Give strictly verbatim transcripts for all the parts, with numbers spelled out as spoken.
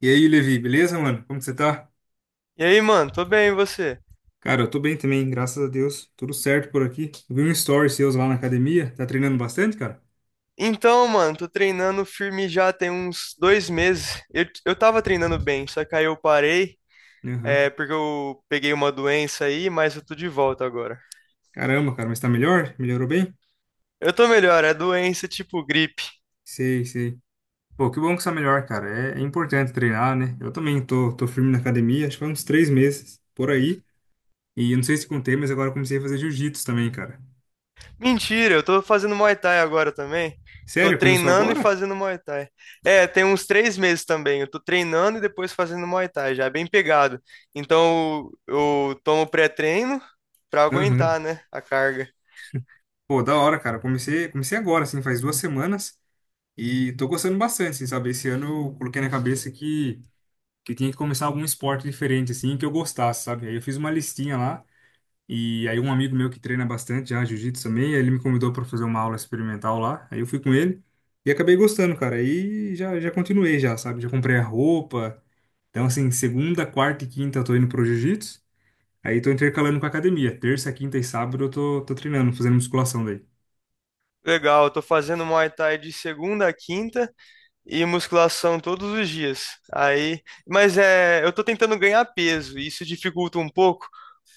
E aí, Levi, beleza, mano? Como que você tá? E aí, mano, tô bem, e você? Cara, eu tô bem também, graças a Deus. Tudo certo por aqui. Eu vi um story seus lá na academia. Tá treinando bastante, cara? Então, mano, tô treinando firme já tem uns dois meses. Eu, eu tava treinando bem, só que aí eu parei, é, Aham. porque eu peguei uma doença aí, mas eu tô de volta agora. Caramba, cara, mas tá melhor? Melhorou bem? Eu tô melhor, é doença tipo gripe. Sei, sei. Pô, que bom que você tá melhor, cara. É, é importante treinar, né? Eu também tô, tô firme na academia, acho que há uns três meses por aí. E eu não sei se contei, mas agora eu comecei a fazer jiu-jitsu também, cara. Mentira, eu tô fazendo Muay Thai agora também. Tô Sério? Começou treinando e agora? fazendo Muay Thai. É, tem uns três meses também. Eu tô treinando e depois fazendo Muay Thai, já é bem pegado. Então eu, eu tomo pré-treino pra Aham. aguentar, né, a carga. Pô, da hora, cara. Comecei, comecei agora, assim, faz duas semanas. E tô gostando bastante, assim, sabe? Esse ano eu coloquei na cabeça que que eu tinha que começar algum esporte diferente, assim, que eu gostasse, sabe? Aí eu fiz uma listinha lá, e aí um amigo meu que treina bastante já, jiu-jitsu também, aí ele me convidou para fazer uma aula experimental lá, aí eu fui com ele, e acabei gostando, cara, aí já, já continuei já, sabe? Já comprei a roupa, então assim, segunda, quarta e quinta eu tô indo pro jiu-jitsu, aí tô intercalando com a academia, terça, quinta e sábado eu tô, tô treinando, fazendo musculação daí. Legal, eu tô fazendo Muay Thai de segunda a quinta e musculação todos os dias. Aí, mas é, eu tô tentando ganhar peso, e isso dificulta um pouco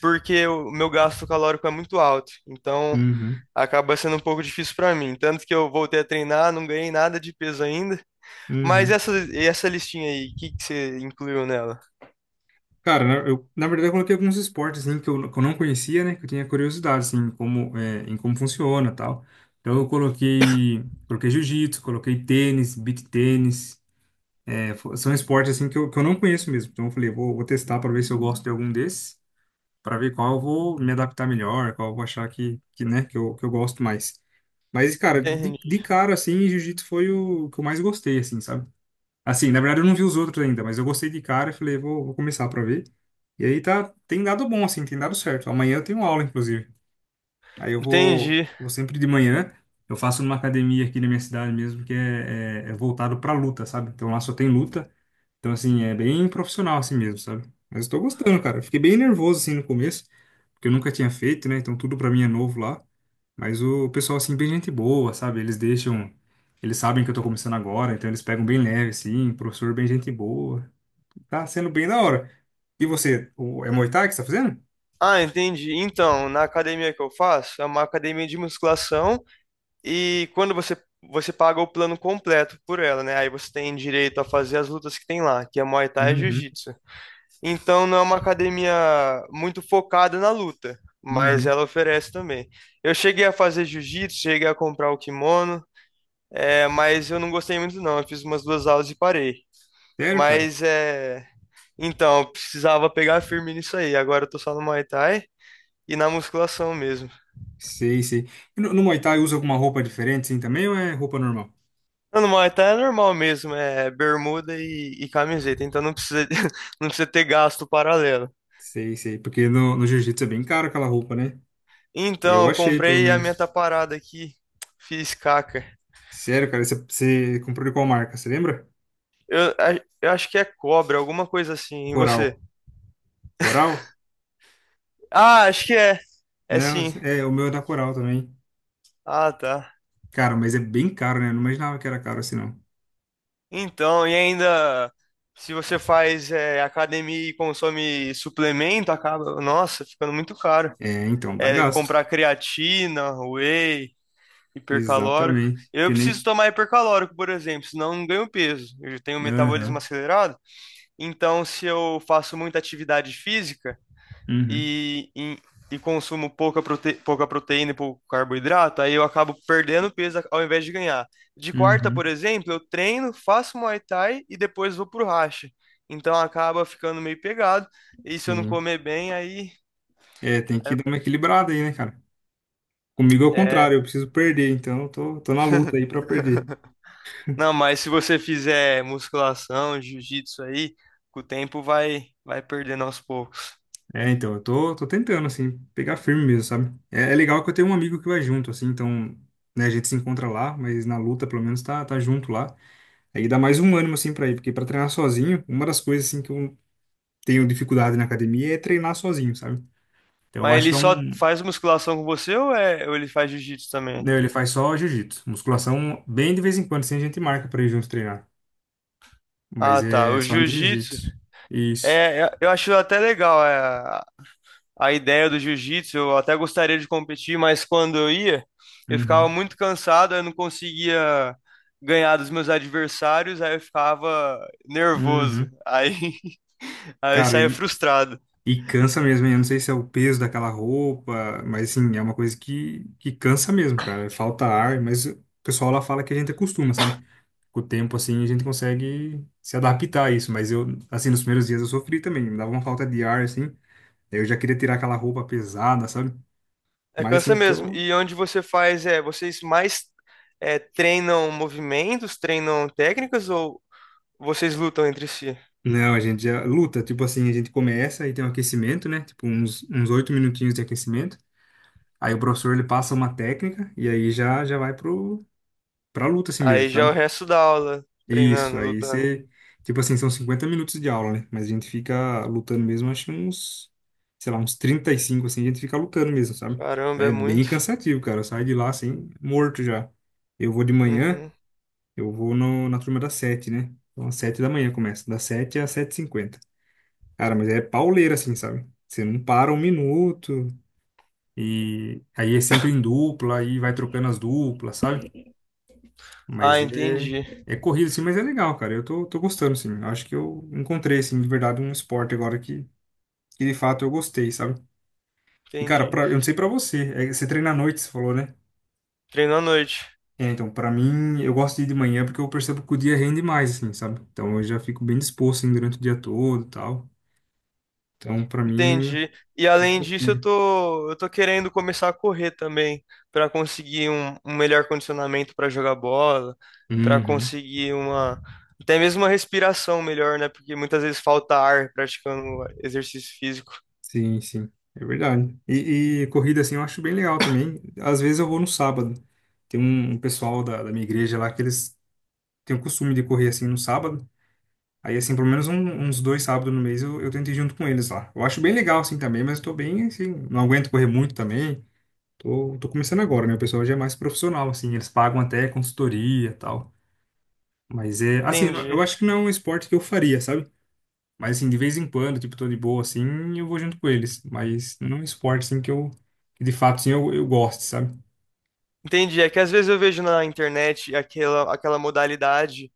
porque o meu gasto calórico é muito alto. Então, Uhum, acaba sendo um pouco difícil pra mim. Tanto que eu voltei a treinar, não ganhei nada de peso ainda. Mas uhum. essa essa listinha aí, o que que você incluiu nela? Cara, na- eu, na verdade, eu coloquei alguns esportes assim, que, eu, que eu não conhecia, né? Que eu tinha curiosidade, assim, como, é, em como funciona e tal. Então, eu coloquei, coloquei jiu-jitsu, coloquei tênis, beach tênis. É, fo- são esportes, assim, que eu, que eu não conheço mesmo. Então, eu falei, vou, vou testar para ver se eu gosto de algum desses, para ver qual eu vou me adaptar melhor, qual eu vou achar que, que, né, que eu, que eu gosto mais. Mas, cara, de, Entendi. de cara, assim, jiu-jitsu foi o que eu mais gostei, assim, sabe? Assim, na verdade eu não vi os outros ainda, mas eu gostei de cara e falei, vou, vou começar pra ver. E aí tá, tem dado bom, assim, tem dado certo. Amanhã eu tenho aula, inclusive. Aí eu vou, Entendi. vou sempre de manhã. Eu faço numa academia aqui na minha cidade mesmo, que é, é, é voltado pra luta, sabe? Então lá só tem luta. Então, assim, é bem profissional assim mesmo, sabe? Mas eu tô gostando, cara. Eu fiquei bem nervoso, assim, no começo porque eu nunca tinha feito, né? Então tudo pra mim é novo lá. Mas o pessoal, assim, bem gente boa, sabe? Eles deixam. Eles sabem que eu tô começando agora, então eles pegam bem leve, assim. Professor, bem gente boa. Tá sendo bem da hora. E você, o- é Muay Thai que você tá fazendo? Ah, entendi. Então, na academia que eu faço, é uma academia de musculação. E quando você, você paga o plano completo por ela, né? Aí você tem direito a fazer as lutas que tem lá, que é Muay Thai e Uhum, Jiu-Jitsu. Então não é uma academia muito focada na luta, mas uhum. ela oferece também. Eu cheguei a fazer Jiu-Jitsu, cheguei a comprar o kimono, é, mas eu não gostei muito não. Eu fiz umas duas aulas e parei. Sério, cara? Mas é, então eu precisava pegar firme nisso aí. Agora eu tô só no Muay Thai e na musculação mesmo. Sei, sei. E no, no Muay Thai usa alguma roupa diferente, assim, também, ou é roupa normal? Não, no Muay Thai é normal mesmo, é bermuda e, e camiseta, então não precisa, não precisa ter gasto paralelo. Sei, sei. Porque no, no Jiu-Jitsu é bem caro aquela roupa, né? Então, Eu eu achei, pelo comprei a minha menos. taparada aqui, fiz caca. Sério, cara, você, você comprou de qual marca? Você lembra? Eu, a- eu acho que é cobra, alguma coisa assim, e Coral. você? Coral? Ah, acho que é. É Não, sim. é, o meu é da Coral também. Ah, tá. Cara, mas é bem caro, né? Eu não imaginava que era caro assim, não. Então, e ainda, se você faz é, academia e consome suplemento, acaba, nossa, ficando muito caro. É, então, dá É gasto. comprar creatina, whey, hipercalórico. Exatamente. Eu Que preciso nem. tomar hipercalórico, por exemplo, senão eu não ganho peso. Eu tenho um metabolismo Aham. acelerado. Então, se eu faço muita atividade física Uhum. e, e, e consumo pouca, prote, pouca proteína e pouco carboidrato, aí eu acabo perdendo peso ao invés de ganhar. De quarta, por Uhum. exemplo, eu treino, faço Muay Thai e depois vou pro racha. Então acaba ficando meio pegado. E se eu não Sim. comer bem, aí É, tem que é, dar uma equilibrada aí, né, cara? Comigo é o é contrário, eu preciso perder, então eu tô, tô, na luta aí pra perder. Não, mas se você fizer musculação, jiu-jitsu aí, com o tempo vai vai perdendo aos poucos. É, então, eu tô, tô tentando, assim, pegar firme mesmo, sabe? É, é legal que eu tenho um amigo que vai junto, assim, então, né, a gente se encontra lá, mas na luta, pelo menos, tá, tá junto lá. Aí dá mais um ânimo, assim, pra ir, porque pra treinar sozinho, uma das coisas, assim, que eu tenho dificuldade na academia é treinar sozinho, sabe? Então eu Mas acho ele que é só um. faz musculação com você ou, é, ou ele faz jiu-jitsu também? Não, ele faz só jiu-jitsu. Musculação, bem de vez em quando, assim, a gente marca pra ir junto treinar. Mas Ah, tá. é O só no jiu-jitsu, jiu-jitsu. Isso. é, é- eu acho até legal é, a, a ideia do jiu-jitsu. Eu até gostaria de competir, mas quando eu ia, eu ficava Uhum. muito cansado, eu não conseguia ganhar dos meus adversários, aí eu ficava nervoso. Uhum. Aí, aí eu Cara, saía e, frustrado. e cansa mesmo, hein? Eu não sei se é o peso daquela roupa, mas assim, é uma coisa que, que cansa mesmo, cara. Falta ar, mas o pessoal lá fala que a gente acostuma, sabe? Com o tempo, assim, a gente consegue se adaptar a isso. Mas eu, assim, nos primeiros dias eu sofri também. Me dava uma falta de ar, assim. Eu já queria tirar aquela roupa pesada, sabe? É, Mas cansa assim, mesmo. tô. E onde você faz, é, vocês mais é, treinam movimentos, treinam técnicas ou vocês lutam entre si? Não, a gente já luta. Tipo assim, a gente começa e tem um aquecimento, né? Tipo, uns, uns oito minutinhos de aquecimento. Aí o professor ele passa uma técnica e aí já, já vai pro, pra luta assim mesmo, Aí já é o sabe? resto da aula, Isso, treinando, aí lutando. você. Tipo assim, são cinquenta minutos de aula, né? Mas a gente fica lutando mesmo, acho que uns. Sei lá, uns trinta e cinco assim, a gente fica lutando mesmo, sabe? Caramba, É é bem muito. cansativo, cara. Eu saio de lá assim, morto já. Eu vou de manhã. Uhum. Eu vou no- na turma das sete, né? Então, às sete da manhã começa, das sete às sete e cinquenta. Cara, mas é pauleira, assim, sabe? Você não para um minuto, e aí é sempre em dupla, aí vai trocando as duplas, sabe? Ah, Mas é, entendi. é corrido, assim, mas é legal, cara. Eu tô, tô, gostando, assim. Eu acho que eu encontrei, assim, de verdade, um esporte agora que, que de fato eu gostei, sabe? E, cara, Entendi. pra, eu não sei pra você, é, você treina à noite, você falou, né? Treino à noite. É, então, pra mim, eu gosto de ir de manhã porque eu percebo que o dia rende mais, assim, sabe? Então, eu já fico bem disposto, assim, durante o dia todo e tal. Então, pra mim, Entendi. E além disso, eu prefiro. tô, eu tô querendo começar a correr também, para conseguir um, um melhor condicionamento para jogar bola, para Uhum. conseguir uma, até mesmo uma respiração melhor, né? Porque muitas vezes falta ar praticando exercício físico. Sim, sim. É verdade. E, e corrida, assim, eu acho bem legal também. Às vezes eu vou no sábado. Tem um, um pessoal da, da minha igreja lá que eles têm o costume de correr, assim, no sábado. Aí, assim, pelo menos um- uns dois sábados no mês eu, eu tento ir junto com eles lá. Eu acho bem legal, assim, também, mas eu tô bem, assim, não aguento correr muito também. Tô, tô começando agora, né? O pessoal já é mais profissional, assim, eles pagam até consultoria e tal. Mas é, assim, eu eu Entendi. acho que não é um esporte que eu faria, sabe? Mas, assim, de vez em quando, tipo, tô de boa, assim, eu vou junto com eles. Mas não é um esporte, assim, que eu, que de fato, assim, eu, eu gosto, sabe? Entendi. É que às vezes eu vejo na internet aquela, aquela modalidade,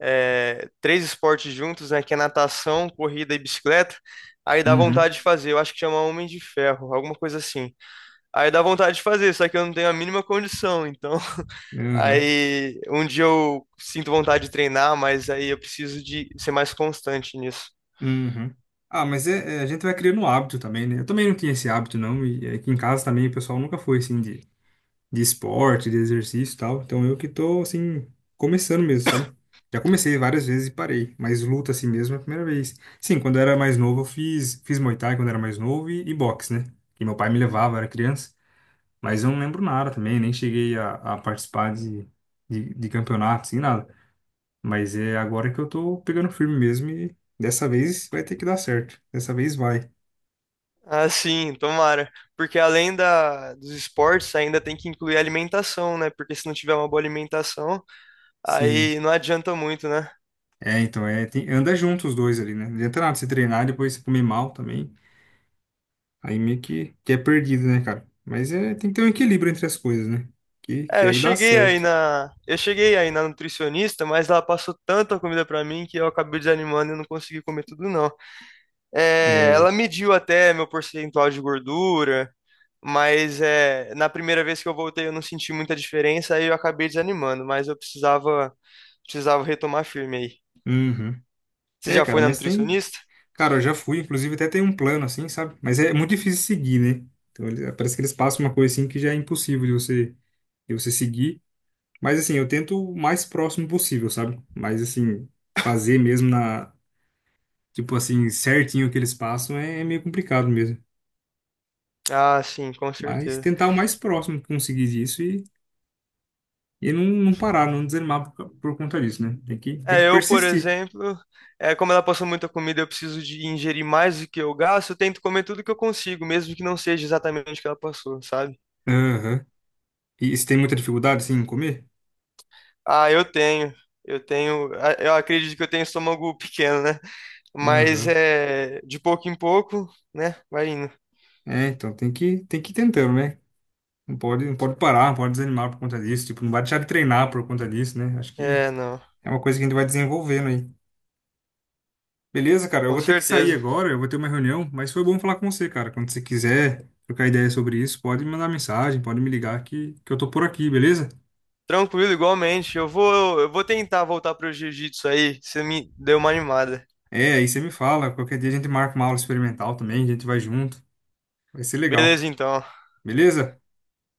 é, três esportes juntos, né? Que é natação, corrida e bicicleta. Aí dá Uhum. vontade de fazer. Eu acho que chama Homem de Ferro, alguma coisa assim. Aí dá vontade de fazer, só que eu não tenho a mínima condição. Então, Uhum, aí um dia eu sinto vontade de treinar, mas aí eu preciso de ser mais constante nisso. uhum. Ah, mas é, é, a gente vai criando um hábito também, né? Eu também não tinha esse hábito, não. E aqui em casa também o pessoal nunca foi, assim, de de esporte, de exercício e tal. Então eu que tô, assim, começando mesmo, sabe? Já comecei várias vezes e parei, mas luta assim mesmo é a primeira vez. Sim, quando eu era mais novo eu fiz, fiz Muay Thai quando eu era mais novo e, e boxe, né? Que meu pai me levava, eu era criança, mas eu não lembro nada também, nem cheguei a, a participar de, de, de campeonato, assim, nada. Mas é agora que eu tô pegando firme mesmo e dessa vez vai ter que dar certo. Dessa vez vai. Ah, sim, tomara. Porque além da, dos esportes, ainda tem que incluir a alimentação, né? Porque se não tiver uma boa alimentação, Sim. aí não adianta muito, né? É, então, é, tem- anda junto os dois ali, né? Não adianta nada você treinar e depois você comer mal também. Aí meio que, que é perdido, né, cara? Mas é, tem que ter um equilíbrio entre as coisas, né? Que, que É, eu aí dá cheguei aí certo. na, eu cheguei aí na nutricionista, mas ela passou tanta comida pra mim que eu acabei desanimando e eu não consegui comer tudo, não. É, É. ela mediu até meu percentual de gordura, mas é, na primeira vez que eu voltei eu não senti muita diferença, aí eu acabei desanimando, mas eu precisava, precisava retomar firme aí. Uhum. Você É, já cara, foi na mas tem. nutricionista? Cara, eu já fui, inclusive até tem um plano assim, sabe? Mas é muito difícil seguir, né? Então ele- parece que eles passam uma coisa assim que já é impossível de você, de você, seguir. Mas assim, eu tento o mais próximo possível, sabe? Mas assim, fazer mesmo na. Tipo assim, certinho o que eles passam é, é meio complicado mesmo. Ah, sim, com Mas certeza. tentar o mais próximo que conseguir disso. E não, não parar, não desanimar por, por conta disso, né? Tem que, tem que É, eu, por persistir. exemplo, é, como ela passou muita comida, eu preciso de ingerir mais do que eu gasto, eu tento comer tudo que eu consigo, mesmo que não seja exatamente o que ela passou, sabe? Aham. E se tem muita dificuldade, assim, em comer? Ah, eu tenho. Eu tenho. ah, Eu acredito que eu tenho estômago pequeno, né? Mas Aham. é de pouco em pouco, né? Vai indo. É, então tem que, tem que ir tentando, né? Não pode, não pode parar, não pode desanimar por conta disso. Tipo, não vai deixar de treinar por conta disso, né? Acho que É, não, é uma coisa que a gente vai desenvolvendo aí. Beleza, cara? Eu com vou ter que sair certeza. agora, eu vou ter uma reunião, mas foi bom falar com você, cara. Quando você quiser trocar ideia sobre isso, pode me mandar mensagem, pode me ligar que, que eu tô por aqui, beleza? Tranquilo, igualmente. Eu vou, eu vou tentar voltar pro jiu-jitsu aí. Você me deu uma animada. É, aí você me fala. Qualquer dia a gente marca uma aula experimental também, a gente vai junto. Vai ser legal. Beleza, então. Beleza?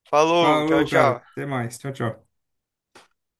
Falou, tchau, Falou, cara. tchau. Até mais. Tchau, tchau.